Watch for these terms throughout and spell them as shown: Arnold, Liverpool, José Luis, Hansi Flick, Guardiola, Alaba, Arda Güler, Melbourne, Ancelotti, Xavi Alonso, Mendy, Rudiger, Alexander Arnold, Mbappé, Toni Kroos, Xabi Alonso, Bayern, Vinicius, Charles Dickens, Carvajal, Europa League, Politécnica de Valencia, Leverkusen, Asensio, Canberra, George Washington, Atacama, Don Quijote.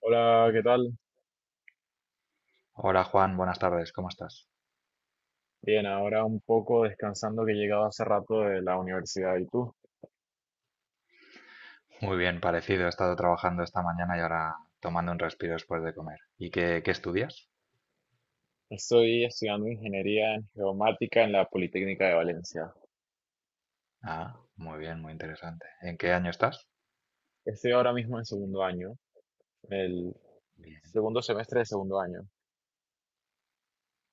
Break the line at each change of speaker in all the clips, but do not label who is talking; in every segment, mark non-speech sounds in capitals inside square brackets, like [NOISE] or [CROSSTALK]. Hola, ¿qué tal?
Hola Juan, buenas tardes, ¿cómo estás?
Bien, ahora un poco descansando que he llegado hace rato de la universidad. ¿Y tú?
Muy bien, parecido, he estado trabajando esta mañana y ahora tomando un respiro después de comer. ¿Y qué estudias?
Estoy estudiando ingeniería en geomática en la Politécnica de Valencia.
Ah, muy bien, muy interesante. ¿En qué año estás?
Estoy ahora mismo en segundo año, el
Bien,
segundo semestre de segundo año.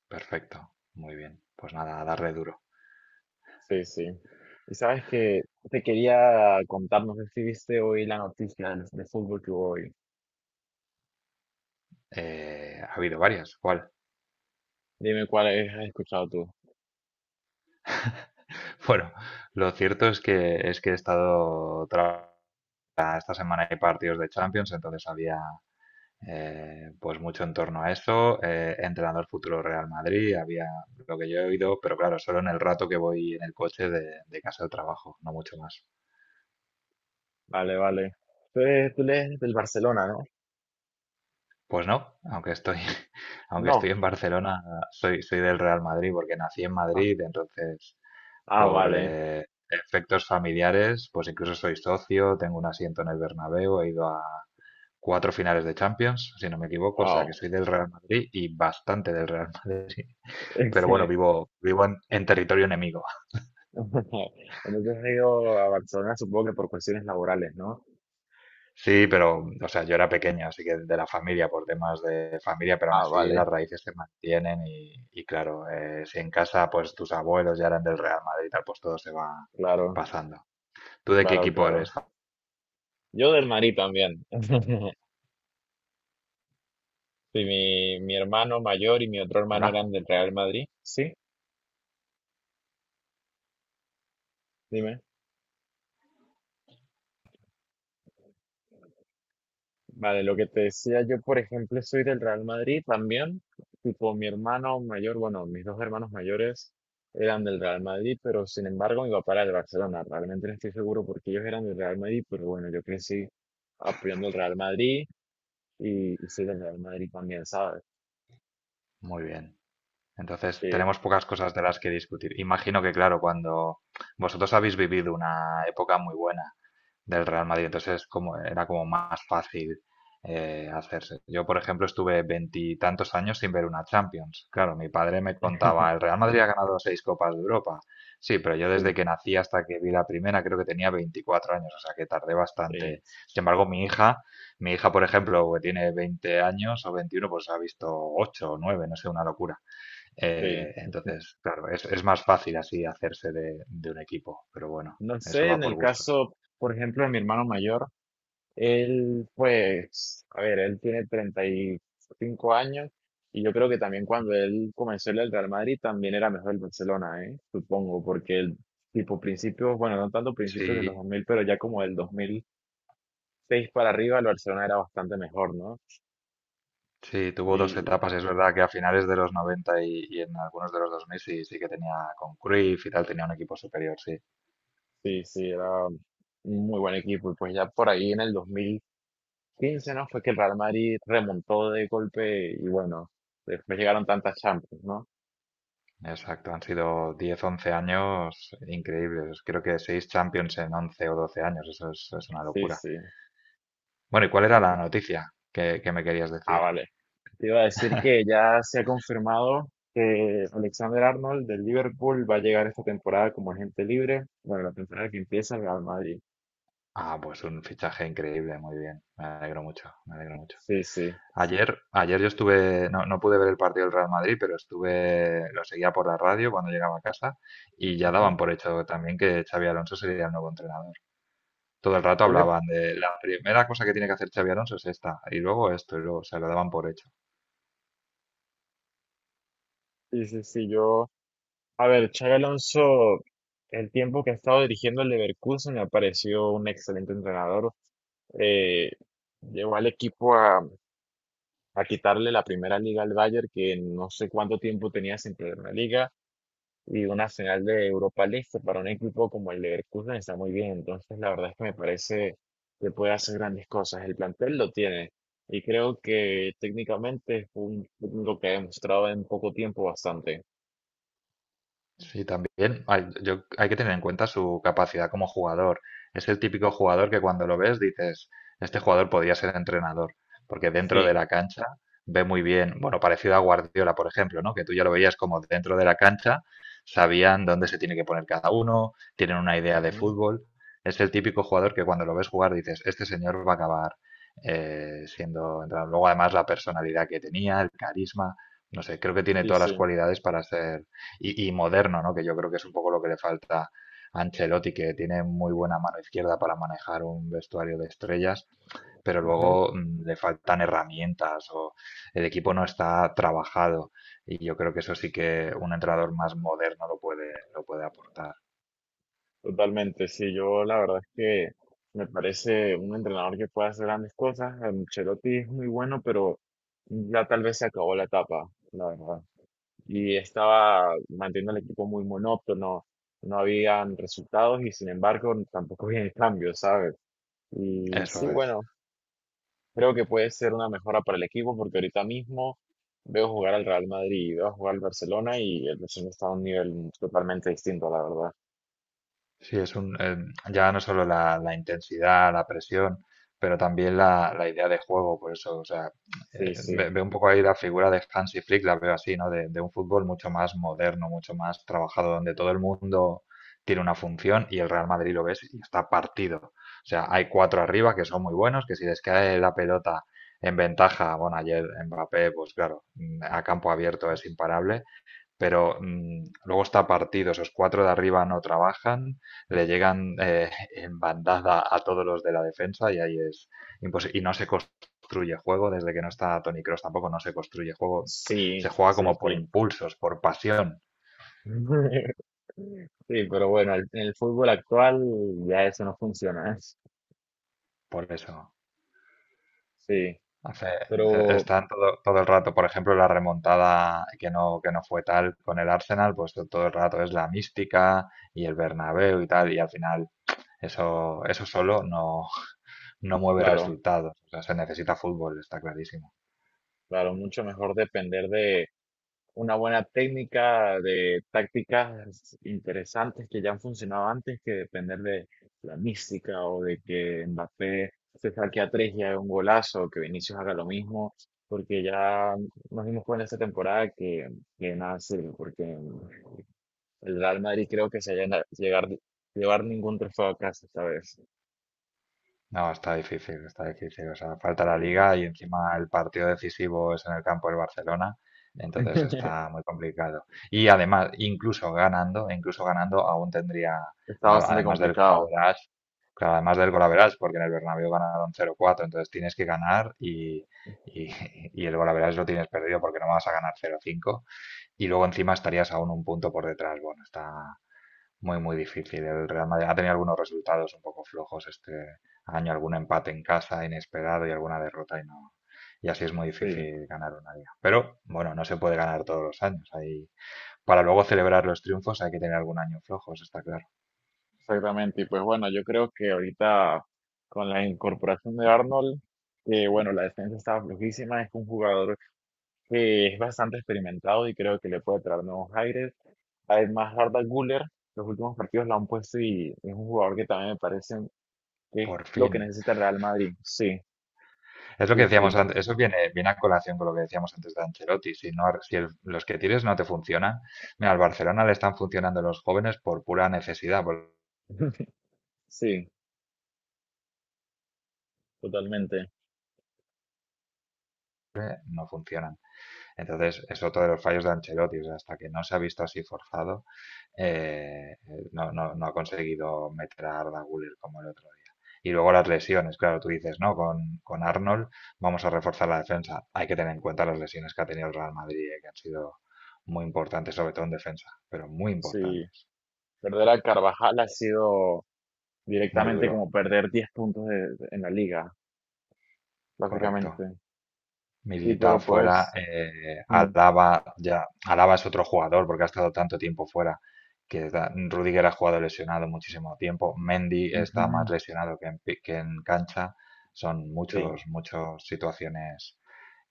perfecto, muy bien. Pues nada, a darle duro.
Sí, sí. Y sabes que te quería contar, no sé si viste hoy la noticia de fútbol que hubo hoy.
Ha habido varias, ¿cuál?
Dime cuál has escuchado tú.
[LAUGHS] Bueno, lo cierto es que he estado esta semana hay partidos de Champions, entonces había pues mucho en torno a eso. Entrenador futuro Real Madrid, había lo que yo he oído, pero claro, solo en el rato que voy en el coche de casa al trabajo, no mucho más.
Vale, vale. Tú eres del Barcelona, ¿no?
Pues no, aunque estoy, [LAUGHS] aunque
No.
estoy en Barcelona, soy del Real Madrid porque nací en
Ah,
Madrid, entonces
ah,
por
vale.
efectos familiares, pues incluso soy socio, tengo un asiento en el Bernabéu, he ido a cuatro finales de Champions, si no me equivoco, o sea que
Wow.
soy del Real Madrid y bastante del Real [LAUGHS] Madrid. Pero bueno,
[LAUGHS]
vivo en territorio enemigo.
[LAUGHS] Entonces he ido a Barcelona, supongo que por cuestiones laborales, ¿no?
Sí, pero, o sea, yo era pequeño, así que de la familia, por temas de familia, pero aún
Ah,
así las
vale.
raíces se mantienen y claro, si en casa pues tus abuelos ya eran del Real Madrid y tal, pues todo se va
Claro,
pasando. ¿Tú de qué
claro,
equipo
claro.
eres?
Yo del Madrid también. [LAUGHS] Sí, mi hermano mayor y mi otro hermano
Hola,
eran del Real Madrid. Sí, dime. Vale, lo que te decía, yo por ejemplo soy del Real Madrid también. Tipo, mi hermano mayor, bueno, mis dos hermanos mayores eran del Real Madrid, pero sin embargo mi papá era del Barcelona. Realmente no estoy seguro porque ellos eran del Real Madrid, pero bueno, yo crecí apoyando el Real Madrid. Y soy del Real Madrid también, ¿sabes?
muy bien. Entonces,
Sí,
tenemos pocas cosas de las que discutir. Imagino que, claro, cuando vosotros habéis vivido una época muy buena del Real Madrid. Entonces como, era como más fácil hacerse. Yo, por ejemplo, estuve veintitantos años sin ver una Champions. Claro, mi padre me contaba, el Real Madrid ha ganado seis Copas de Europa. Sí, pero yo
sí,
desde que nací hasta que vi la primera creo que tenía 24 años, o sea que tardé
sí,
bastante. Sin embargo, mi hija, por ejemplo, que tiene 20 años o 21 pues ha visto 8 o 9 no sé, una locura.
sí.
Entonces, claro, es más fácil así hacerse de un equipo, pero bueno,
No
eso
sé,
va
en
por
el
gustos.
caso, por ejemplo, de mi hermano mayor, él, pues, a ver, él tiene 35 años y yo creo que también cuando él comenzó en el Real Madrid también era mejor el Barcelona, ¿eh? Supongo, porque el tipo principios, bueno, no tanto principios de los
Sí,
2000, pero ya como del 2006 para arriba el Barcelona era bastante mejor, ¿no?
sí, tuvo dos
Y
etapas, es verdad que a finales de los 90 y en algunos de los 2000 sí, sí que tenía con Cruyff y tal, tenía un equipo superior, sí.
sí, era un muy buen equipo y pues ya por ahí en el 15, ¿no? Fue que el Real Madrid remontó de golpe y, bueno, después llegaron tantas Champions, ¿no?
Exacto, han sido 10, 11 años increíbles. Creo que 6 Champions en 11 o 12 años, eso es una
Sí,
locura.
sí.
Bueno, ¿y cuál era la
Aunque-
noticia que me querías
Ah,
decir?
vale. Te iba a decir que ya se ha confirmado que Alexander Arnold del Liverpool va a llegar esta temporada como agente libre. Bueno, la temporada que empieza el Real Madrid.
Ah, pues un fichaje increíble, muy bien. Me alegro mucho, me alegro mucho.
Sí, sí.
Ayer yo estuve, no pude ver el partido del Real Madrid, pero estuve, lo seguía por la radio cuando llegaba a casa y ya
Ujú.
daban por hecho también que Xavi Alonso sería el nuevo entrenador. Todo el rato
A mí me-
hablaban de la primera cosa que tiene que hacer Xavi Alonso es esta, y luego esto, y luego, o sea, lo daban por hecho.
Sí, sí, sí, yo. A ver, Xabi Alonso, el tiempo que ha estado dirigiendo el Leverkusen me ha parecido un excelente entrenador. Eh, llevó al equipo a quitarle la primera liga al Bayern, que no sé cuánto tiempo tenía sin perder una liga, y una final de Europa League que para un equipo como el Leverkusen está muy bien. Entonces, la verdad es que me parece que puede hacer grandes cosas. El plantel lo tiene, y creo que técnicamente es un técnico que ha demostrado en poco tiempo bastante.
Sí, también hay que tener en cuenta su capacidad como jugador. Es el típico jugador que cuando lo ves dices, este jugador podría ser entrenador, porque dentro de
Sí,
la cancha ve muy bien, bueno, parecido a Guardiola, por ejemplo, ¿no? Que tú ya lo veías como dentro de la cancha, sabían dónde se tiene que poner cada uno, tienen una idea de
ujú,
fútbol. Es el típico jugador que cuando lo ves jugar dices, este señor va a acabar siendo entrenador. Luego además la personalidad que tenía, el carisma, no sé, creo que tiene
sí,
todas las
sí,
cualidades para ser y moderno, ¿no? Que yo creo que es un poco lo que le falta a Ancelotti, que tiene muy buena mano izquierda para manejar un vestuario de estrellas, pero
ujú.
luego le faltan herramientas o el equipo no está trabajado. Y yo creo que eso sí que un entrenador más moderno lo puede aportar.
Totalmente, sí, yo la verdad es que me parece un entrenador que puede hacer grandes cosas. Ancelotti es muy bueno, pero ya tal vez se acabó la etapa, la verdad. Y estaba manteniendo al equipo muy monótono, no habían resultados y sin embargo tampoco había cambios, ¿sabes? Y sí,
Eso es.
bueno, creo que puede ser una mejora para el equipo porque ahorita mismo veo jugar al Real Madrid y veo jugar al Barcelona y el Barcelona está a un nivel totalmente distinto, la verdad.
Sí, es un, ya no solo la intensidad, la presión, pero también la idea de juego, por eso, o sea,
Sí, sí.
veo un poco ahí la figura de Hansi Flick, la veo así, ¿no? De un fútbol mucho más moderno, mucho más trabajado, donde todo el mundo tiene una función y el Real Madrid lo ves y está partido. O sea, hay cuatro arriba que son muy buenos, que si les cae la pelota en ventaja, bueno, ayer Mbappé, pues claro, a campo abierto es imparable, pero luego está partido, esos cuatro de arriba no trabajan, le llegan [LAUGHS] en bandada a todos los de la defensa y ahí es imposible. Y no se construye juego, desde que no está Toni Kroos tampoco no se construye juego,
Sí,
se juega
sí,
como por
sí.
impulsos, por pasión,
[LAUGHS] Sí, pero bueno, en el fútbol actual ya eso no funciona, ¿eh?
por eso.
Sí,
Hace, eh,
pero
están todo el rato, por ejemplo, la remontada que no fue tal con el Arsenal, pues todo el rato es la mística y el Bernabéu y tal, y al final eso solo no mueve
claro,
resultados. O sea, se necesita fútbol, está clarísimo.
claro, mucho mejor depender de una buena técnica, de tácticas interesantes que ya han funcionado antes, que depender de la mística o de que Mbappé se saque a tres y haga un golazo, o que Vinicius haga lo mismo, porque ya nos dimos cuenta esta temporada que nada sirve, porque el Real Madrid creo que se llega a llegar, llevar ningún trofeo a casa esta vez.
No, está difícil, está difícil. O sea, falta la
Sí.
liga y encima el partido decisivo es en el campo del Barcelona, entonces
[LAUGHS]
está muy complicado. Y además, incluso ganando, aún tendría,
Está bastante
además del gol
complicado.
average, claro, además del gol average, porque en el Bernabéu ganaron 0-4, entonces tienes que ganar y, [LAUGHS] y el gol average lo tienes perdido porque no vas a ganar 0-5 y luego encima estarías aún un punto por detrás. Bueno, muy, muy difícil. El Real Madrid ha tenido algunos resultados un poco flojos este año, algún empate en casa inesperado y alguna derrota y no. Y así es muy
Sí,
difícil ganar una liga. Pero bueno, no se puede ganar todos los años. Para luego celebrar los triunfos hay que tener algún año flojo, eso está claro.
exactamente. Y pues bueno, yo creo que ahorita con la incorporación de Arnold, que, bueno, la defensa estaba flojísima, es un jugador que es bastante experimentado y creo que le puede traer nuevos aires. Además, Arda Güler, los últimos partidos la han puesto y es un jugador que también me parece que es
Por
lo que
fin.
necesita el Real Madrid. Sí,
Es lo que
sí,
decíamos
sí,
antes, eso viene a colación con lo que decíamos antes de Ancelotti. Si, no, si el- los que tires no te funcionan, mira, al Barcelona le están funcionando los jóvenes por pura necesidad, porque
[LAUGHS] sí, totalmente.
no funcionan. Entonces, es otro de los fallos de Ancelotti. O sea, hasta que no se ha visto así forzado, no ha conseguido meter a Arda Güler como el otro día. Y luego las lesiones, claro, tú dices, ¿no? Con Arnold vamos a reforzar la defensa. Hay que tener en cuenta las lesiones que ha tenido el Real Madrid, que han sido muy importantes, sobre todo en defensa, pero muy
Sí,
importantes.
perder a Carvajal ha sido
Muy
directamente
duro,
como perder 10 puntos en la liga,
correcto.
básicamente. Sí,
Militado
pero
fuera,
pues... mm,
Alaba es otro jugador porque ha estado tanto tiempo fuera Rudiger ha jugado lesionado muchísimo tiempo, Mendy está más
ujú,
lesionado que en cancha, son
sí,
muchas situaciones.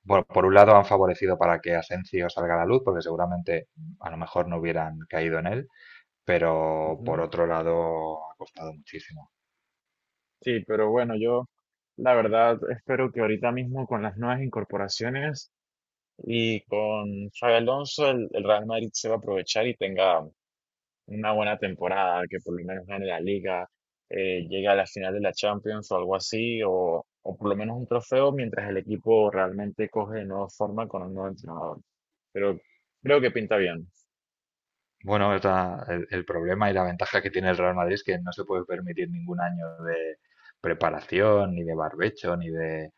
Bueno, por un lado han favorecido para que Asensio salga a la luz porque seguramente a lo mejor no hubieran caído en él, pero por
ujú.
otro lado ha costado muchísimo.
Sí, pero bueno, yo la verdad espero que ahorita mismo con las nuevas incorporaciones y con Xabi Alonso el Real Madrid se va a aprovechar y tenga una buena temporada, que por lo menos gane la liga, llegue a la final de la Champions o algo así, o por lo menos un trofeo mientras el equipo realmente coge de nuevo forma con un nuevo entrenador. Pero creo que pinta bien,
Bueno, es el problema y la ventaja que tiene el Real Madrid es que no se puede permitir ningún año de preparación, ni de barbecho, ni de,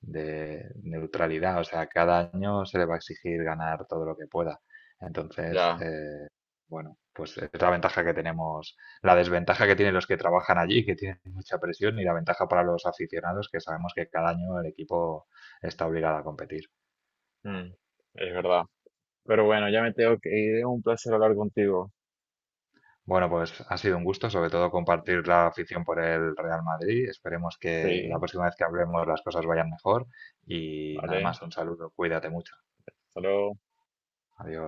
de neutralidad. O sea, cada año se le va a exigir ganar todo lo que pueda. Entonces,
ya,
bueno, pues es la ventaja que tenemos, la desventaja que tienen los que trabajan allí, que tienen mucha presión, y la ventaja para los aficionados, que sabemos que cada año el equipo está obligado a competir.
mm, es verdad. Pero bueno, ya me tengo que ir, un placer hablar contigo.
Bueno, pues ha sido un gusto, sobre todo compartir la afición por el Real Madrid. Esperemos que la
Sí,
próxima vez que hablemos las cosas vayan mejor. Y nada
vale,
más, un saludo, cuídate mucho.
hasta luego.
Adiós.